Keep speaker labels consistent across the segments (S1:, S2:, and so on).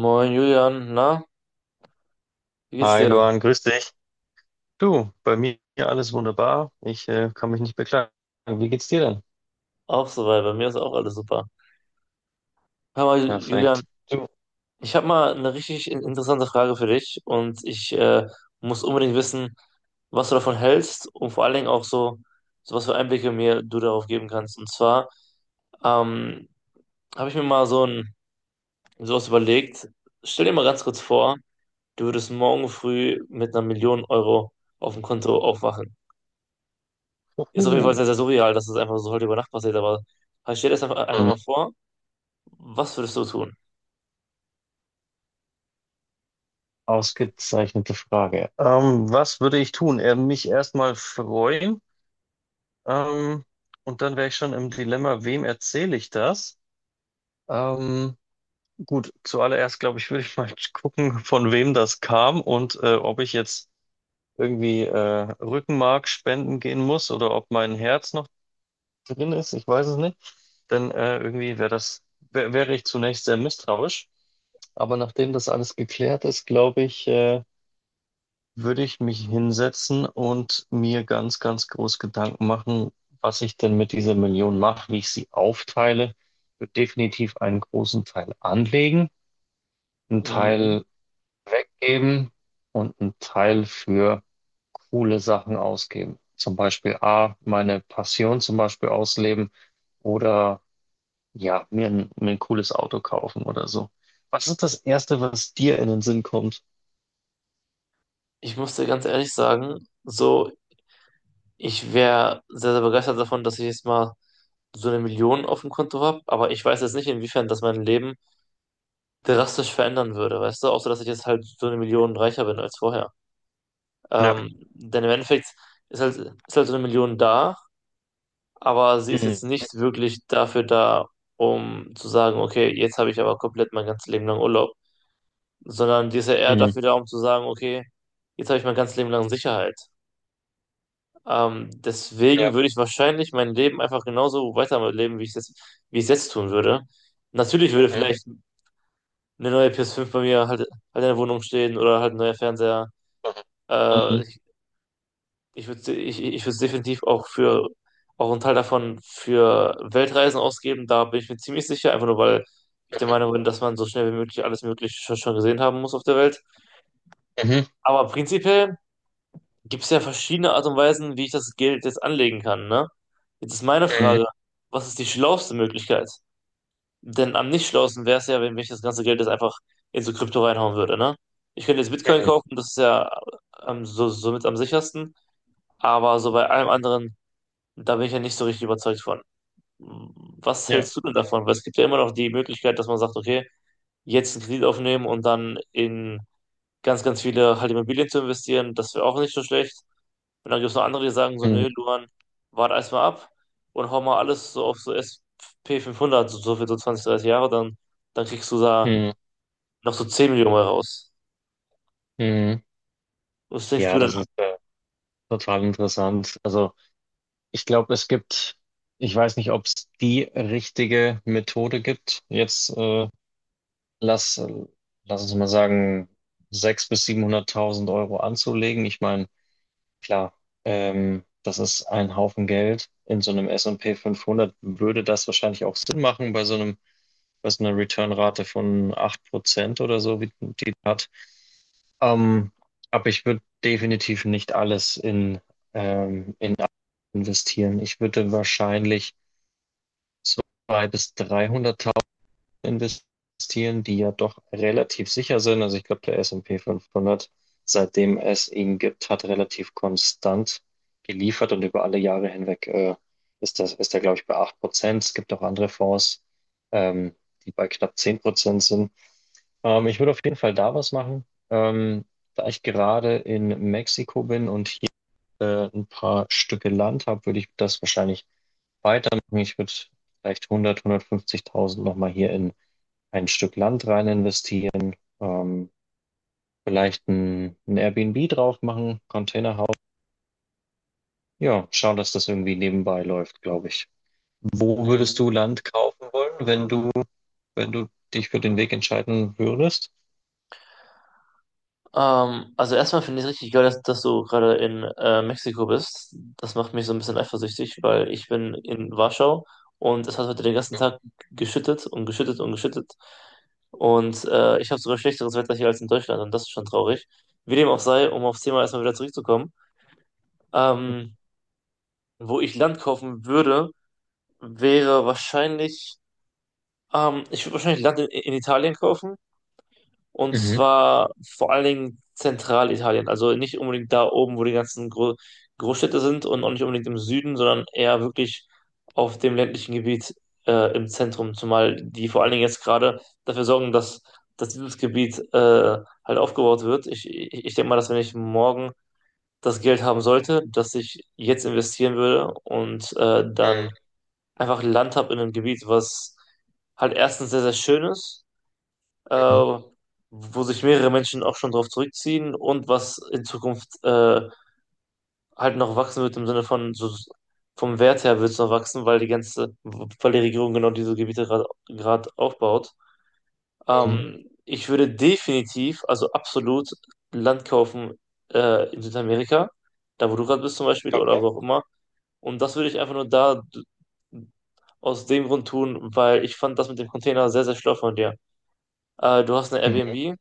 S1: Moin Julian, na, wie geht's
S2: Hi
S1: dir?
S2: Luan, grüß dich. Du, bei mir alles wunderbar. Ich kann mich nicht beklagen. Wie geht's dir denn?
S1: Auch soweit, bei mir ist auch alles super. Hör mal, Julian,
S2: Perfekt. Du,
S1: ich habe mal eine richtig interessante Frage für dich und ich muss unbedingt wissen, was du davon hältst und vor allen Dingen auch so was für Einblicke mir du darauf geben kannst. Und zwar ähm, habe ich mir mal so ein sowas überlegt. Stell dir mal ganz kurz vor, du würdest morgen früh mit einer Million Euro auf dem Konto aufwachen. Ist auf jeden Fall
S2: uhu.
S1: sehr, sehr surreal, dass das einfach so heute über Nacht passiert, aber halt stell dir das einfach
S2: Mhm.
S1: mal vor. Was würdest du tun?
S2: Ausgezeichnete Frage. Was würde ich tun? Mich erstmal freuen. Ähm, und dann wäre ich schon im Dilemma, wem erzähle ich das? Ähm, gut, zuallererst glaube ich, würde ich mal gucken, von wem das kam und ob ich jetzt irgendwie Rückenmark spenden gehen muss oder ob mein Herz noch drin ist, ich weiß es nicht. Dann irgendwie wäre ich zunächst sehr misstrauisch. Aber nachdem das alles geklärt ist, glaube ich, würde ich mich hinsetzen und mir ganz, ganz groß Gedanken machen, was ich denn mit dieser Million mache, wie ich sie aufteile. Ich würde definitiv einen großen Teil anlegen, einen
S1: Mhm.
S2: Teil weggeben und einen Teil für coole Sachen ausgeben. Zum Beispiel A, meine Passion zum Beispiel ausleben oder ja, mir ein cooles Auto kaufen oder so. Was ist das Erste, was dir in den Sinn kommt?
S1: Ich muss dir ganz ehrlich sagen, so, ich wäre sehr, sehr begeistert davon, dass ich jetzt mal so eine Million auf dem Konto habe, aber ich weiß jetzt nicht, inwiefern das mein Leben drastisch verändern würde, weißt du? Außer, dass ich jetzt halt so eine Million reicher bin als vorher.
S2: Ja.
S1: Denn im Endeffekt ist halt so eine Million da, aber sie ist
S2: Mhm.
S1: jetzt nicht wirklich dafür da, um zu sagen, okay, jetzt habe ich aber komplett mein ganzes Leben lang Urlaub, sondern die ist ja eher
S2: Mhm.
S1: dafür da, um zu sagen, okay, jetzt habe ich mein ganzes Leben lang Sicherheit. Deswegen
S2: Ja.
S1: würde ich wahrscheinlich mein Leben einfach genauso weiterleben, wie ich es jetzt tun würde. Natürlich würde
S2: Mhm.
S1: vielleicht eine neue PS5 bei mir halt in der Wohnung stehen oder halt ein neuer Fernseher. Äh,
S2: Mhm.
S1: ich, ich würde definitiv auch einen Teil davon für Weltreisen ausgeben. Da bin ich mir ziemlich sicher, einfach nur weil ich der Meinung bin, dass man so schnell wie möglich alles Mögliche schon gesehen haben muss auf der Welt.
S2: Mhm.
S1: Aber prinzipiell gibt es ja verschiedene Art und Weisen, wie ich das Geld jetzt anlegen kann, ne? Jetzt ist meine
S2: Mhm.
S1: Frage, was ist die schlauste Möglichkeit? Denn am nicht schlausten wäre es ja, wenn ich das ganze Geld jetzt einfach in so Krypto reinhauen würde, ne? Ich könnte jetzt Bitcoin
S2: Mhm.
S1: kaufen, das ist ja somit am sichersten, aber so bei allem anderen, da bin ich ja nicht so richtig überzeugt von. Was
S2: Ja.
S1: hältst du denn davon? Weil es gibt ja immer noch die Möglichkeit, dass man sagt, okay, jetzt einen Kredit aufnehmen und dann in ganz, ganz viele halt Immobilien zu investieren, das wäre auch nicht so schlecht. Und dann gibt es noch andere, die sagen so,
S2: Mhm.
S1: nö, Luan, wart erstmal ab und hau mal alles so auf so S&P 500 so für so 20, 30 Jahre, dann kriegst du da
S2: Mhm.
S1: noch so 10 Millionen mal raus.
S2: Mhm.
S1: Was denkst
S2: Ja,
S1: du denn?
S2: das ist total interessant. Also ich glaube, ich weiß nicht, ob es die richtige Methode gibt. Jetzt lass, lass uns mal sagen, 600.000 bis 700.000 € anzulegen. Ich meine, klar, das ist ein Haufen Geld. In so einem S&P 500 würde das wahrscheinlich auch Sinn machen bei so einem, bei so einer Return-Rate von 8% oder so, wie die hat. Ähm, aber ich würde definitiv nicht alles in investieren. Ich würde wahrscheinlich 200.000 bis 300.000 investieren, die ja doch relativ sicher sind. Also ich glaube, der S&P 500, seitdem es ihn gibt, hat relativ konstant geliefert, und über alle Jahre hinweg ist er, glaube ich, bei 8%. Es gibt auch andere Fonds, ähm, die bei knapp 10% sind. Ich würde auf jeden Fall da was machen. Da ich gerade in Mexiko bin und hier ein paar Stücke Land habe, würde ich das wahrscheinlich weitermachen. Ich würde vielleicht 100, 150.000 nochmal hier in ein Stück Land rein investieren. Vielleicht ein Airbnb drauf machen, Containerhaus. Ja, schauen, dass das irgendwie nebenbei läuft, glaube ich. Wo würdest
S1: Mhm.
S2: du Land kaufen wollen, wenn du dich für den Weg entscheiden würdest?
S1: Also erstmal finde ich es richtig geil, dass du gerade in Mexiko bist. Das macht mich so ein bisschen eifersüchtig, weil ich bin in Warschau und es hat heute den ganzen Tag geschüttet und geschüttet und geschüttet. Und ich habe sogar schlechteres Wetter hier als in Deutschland und das ist schon traurig. Wie dem auch sei, um aufs Thema erstmal wieder zurückzukommen. Ähm, wo ich Land kaufen würde, wäre wahrscheinlich, ich würde wahrscheinlich Land in Italien kaufen. Und
S2: Mhm.
S1: zwar vor allen Dingen Zentralitalien. Also nicht unbedingt da oben, wo die ganzen Großstädte sind und auch nicht unbedingt im Süden, sondern eher wirklich auf dem ländlichen Gebiet im Zentrum. Zumal die vor allen Dingen jetzt gerade dafür sorgen, dass dieses Gebiet halt aufgebaut wird. Ich denke mal, dass wenn ich morgen das Geld haben sollte, dass ich jetzt investieren würde und dann
S2: Mhm.
S1: einfach Land habe in einem Gebiet, was halt erstens sehr, sehr schön ist, äh,
S2: Mhm.
S1: wo sich mehrere Menschen auch schon drauf zurückziehen und was in Zukunft halt noch wachsen wird im Sinne von so vom Wert her wird es noch wachsen, weil die Regierung genau diese Gebiete gerade aufbaut.
S2: Mhm.
S1: Ich würde definitiv, also absolut Land kaufen in Südamerika, da wo du gerade bist zum Beispiel oder
S2: Okay.
S1: wo auch immer und das würde ich einfach nur da aus dem Grund tun, weil ich fand das mit dem Container sehr, sehr schlau von dir. Du hast eine
S2: Mhm.
S1: Airbnb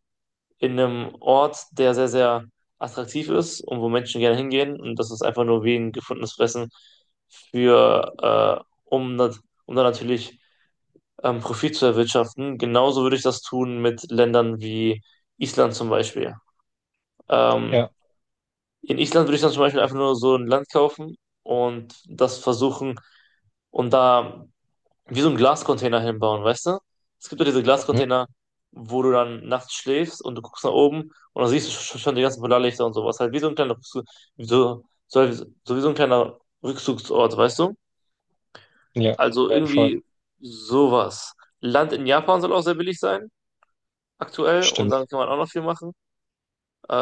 S1: in einem Ort, der sehr, sehr attraktiv ist und wo Menschen gerne hingehen. Und das ist einfach nur wie ein gefundenes Fressen für, äh, um, nat- um dann natürlich Profit zu erwirtschaften. Genauso würde ich das tun mit Ländern wie Island zum Beispiel. Ähm,
S2: Ja.
S1: in Island würde ich dann zum Beispiel einfach nur so ein Land kaufen und das versuchen und da wie so einen Glascontainer hinbauen, weißt du? Es gibt ja diese
S2: Mhm.
S1: Glascontainer, wo du dann nachts schläfst und du guckst nach oben und dann siehst du schon die ganzen Polarlichter und sowas. Halt wie so ein kleiner Rückzug, wie so, so, halt- so wie so ein kleiner Rückzugsort, weißt du?
S2: Ja.
S1: Also
S2: Ja, voll.
S1: irgendwie sowas. Land in Japan soll auch sehr billig sein, aktuell, und dann
S2: Stimmt.
S1: kann man auch noch viel machen.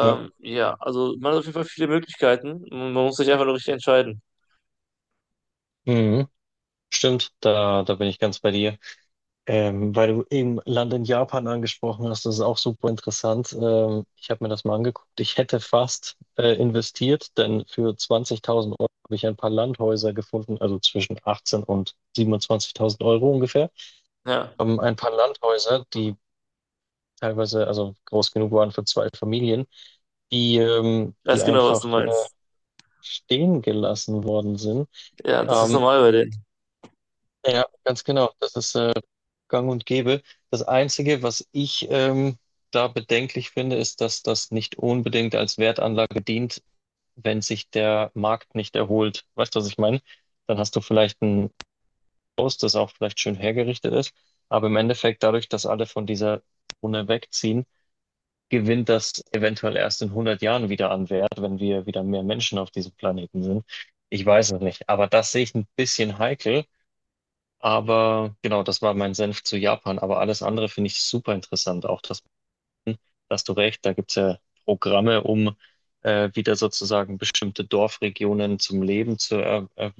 S2: Ja.
S1: Ja, also man hat auf jeden Fall viele Möglichkeiten. Man muss sich einfach nur richtig entscheiden.
S2: Mhm. Stimmt. Da bin ich ganz bei dir. Weil du eben Land in Japan angesprochen hast, das ist auch super interessant. Ich habe mir das mal angeguckt. Ich hätte fast investiert, denn für 20.000 € habe ich ein paar Landhäuser gefunden, also zwischen 18 und 27.000 € ungefähr.
S1: Ja,
S2: Ein paar Landhäuser, die teilweise also groß genug waren für zwei Familien, die
S1: weiß genau, was du
S2: einfach
S1: meinst.
S2: stehen gelassen worden sind.
S1: Ja, das ist
S2: Ähm,
S1: normal bei den
S2: ja, ganz genau. Das ist gang und gäbe. Das Einzige, was ich da bedenklich finde, ist, dass das nicht unbedingt als Wertanlage dient, wenn sich der Markt nicht erholt. Weißt du, was ich meine? Dann hast du vielleicht ein Haus, das auch vielleicht schön hergerichtet ist, aber im Endeffekt, dadurch, dass alle von dieser Zone wegziehen, gewinnt das eventuell erst in 100 Jahren wieder an Wert, wenn wir wieder mehr Menschen auf diesem Planeten sind. Ich weiß es nicht, aber das sehe ich ein bisschen heikel, aber genau, das war mein Senf zu Japan. Aber alles andere finde ich super interessant. Auch das, da hast du recht, da gibt es ja Programme, um wieder sozusagen bestimmte Dorfregionen zum Leben zu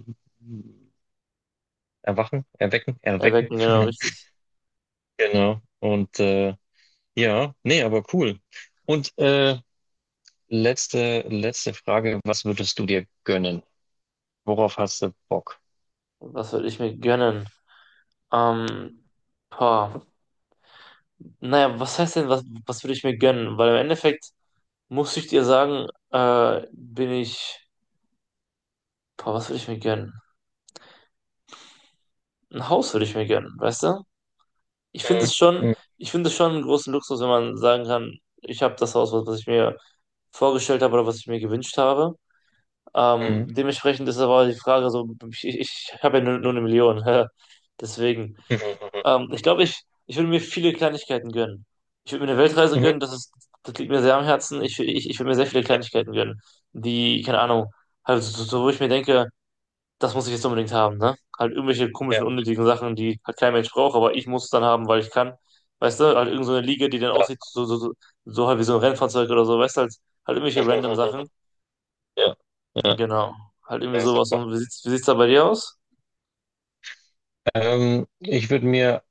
S2: erwachen, erwecken, erwecken.
S1: Erwecken, genau, richtig.
S2: Genau. Und ja, nee, aber cool. Und letzte Frage, was würdest du dir gönnen? Worauf hast du Bock?
S1: Was würde ich mir gönnen? Ähm, boah. Naja, was heißt denn, was würde ich mir gönnen? Weil im Endeffekt muss ich dir sagen, bin ich, boah, was würde ich mir gönnen? Ein Haus würde ich mir gönnen, weißt du? Ich finde
S2: Mhm.
S1: es schon,
S2: Mhm.
S1: ich finde es schon einen großen Luxus, wenn man sagen kann, ich habe das Haus, was ich mir vorgestellt habe oder was ich mir gewünscht habe.
S2: Mhm.
S1: Dementsprechend ist aber die Frage so, ich habe ja nur eine Million, deswegen.
S2: Mhm.
S1: Ich glaube, ich würde mir viele Kleinigkeiten gönnen. Ich würde mir eine Weltreise
S2: Mhm. Mhm.
S1: gönnen, das liegt mir sehr am Herzen. Ich würde mir sehr viele
S2: Ja,
S1: Kleinigkeiten gönnen, die, keine Ahnung, halt wo ich mir denke, das muss ich jetzt unbedingt haben, ne? Halt irgendwelche komischen,
S2: ja,
S1: unnötigen Sachen, die halt kein Mensch braucht, aber ich muss es dann haben, weil ich kann. Weißt du, halt irgend so eine Liege, die dann
S2: klar.
S1: aussieht, so halt wie so ein Rennfahrzeug oder so, weißt du, halt irgendwelche random Sachen.
S2: Ja.
S1: Genau. Halt irgendwie
S2: Ja,
S1: sowas.
S2: super.
S1: Und wie sieht's da bei dir aus?
S2: Ich würde mir,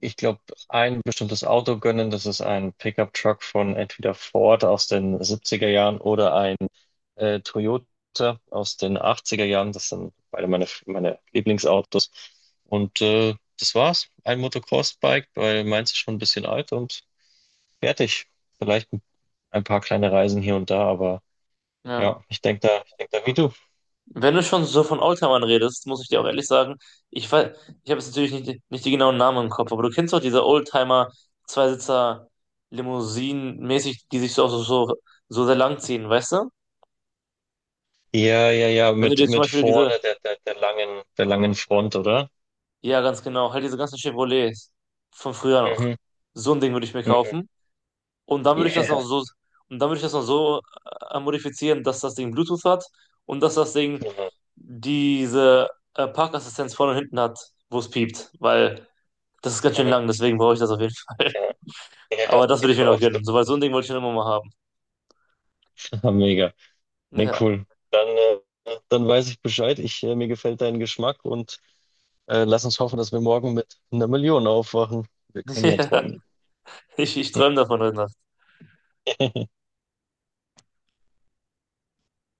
S2: ich glaube, ein bestimmtes Auto gönnen. Das ist ein Pickup-Truck von entweder Ford aus den 70 Jahren oder ein Toyota aus den 80 Jahren. Das sind beide meine Lieblingsautos. Und das war's. Ein Motocross-Bike, weil meins ist schon ein bisschen alt und fertig. Vielleicht ein paar kleine Reisen hier und da, aber
S1: Ja.
S2: ja, ich denk da wie du.
S1: Wenn du schon so von Oldtimern redest, muss ich dir auch ehrlich sagen, ich weiß, ich habe jetzt natürlich nicht, nicht die genauen Namen im Kopf, aber du kennst doch diese Oldtimer Zweisitzer Limousinen mäßig, die sich so sehr lang ziehen, weißt du?
S2: Ja, ja, ja,
S1: Wenn du
S2: mit,
S1: dir zum
S2: mit
S1: Beispiel diese,
S2: vorne der langen Front, oder?
S1: ja ganz genau, halt diese ganzen Chevrolets von früher noch,
S2: Mhm.
S1: so ein Ding würde ich mir
S2: Mhm.
S1: kaufen und dann würde ich das noch
S2: Yeah.
S1: so, und dann würde ich das noch so modifizieren, dass das Ding Bluetooth hat und dass das Ding
S2: Mhm.
S1: diese Parkassistenz vorne und hinten hat, wo es piept, weil Das ist ganz schön
S2: Mhm.
S1: lang, deswegen brauche ich das auf jeden Fall.
S2: Ja, ja,
S1: Aber das
S2: die
S1: würde ich mir noch
S2: brauchst du.
S1: gönnen. So, weil so ein Ding wollte ich schon immer mal haben.
S2: Ah, mega. Ne,
S1: Ja.
S2: cool. Dann weiß ich Bescheid. Mir gefällt dein Geschmack, und lass uns hoffen, dass wir morgen mit einer Million aufwachen. Wir können ja
S1: Ja.
S2: träumen.
S1: Ich träume davon heute Nacht.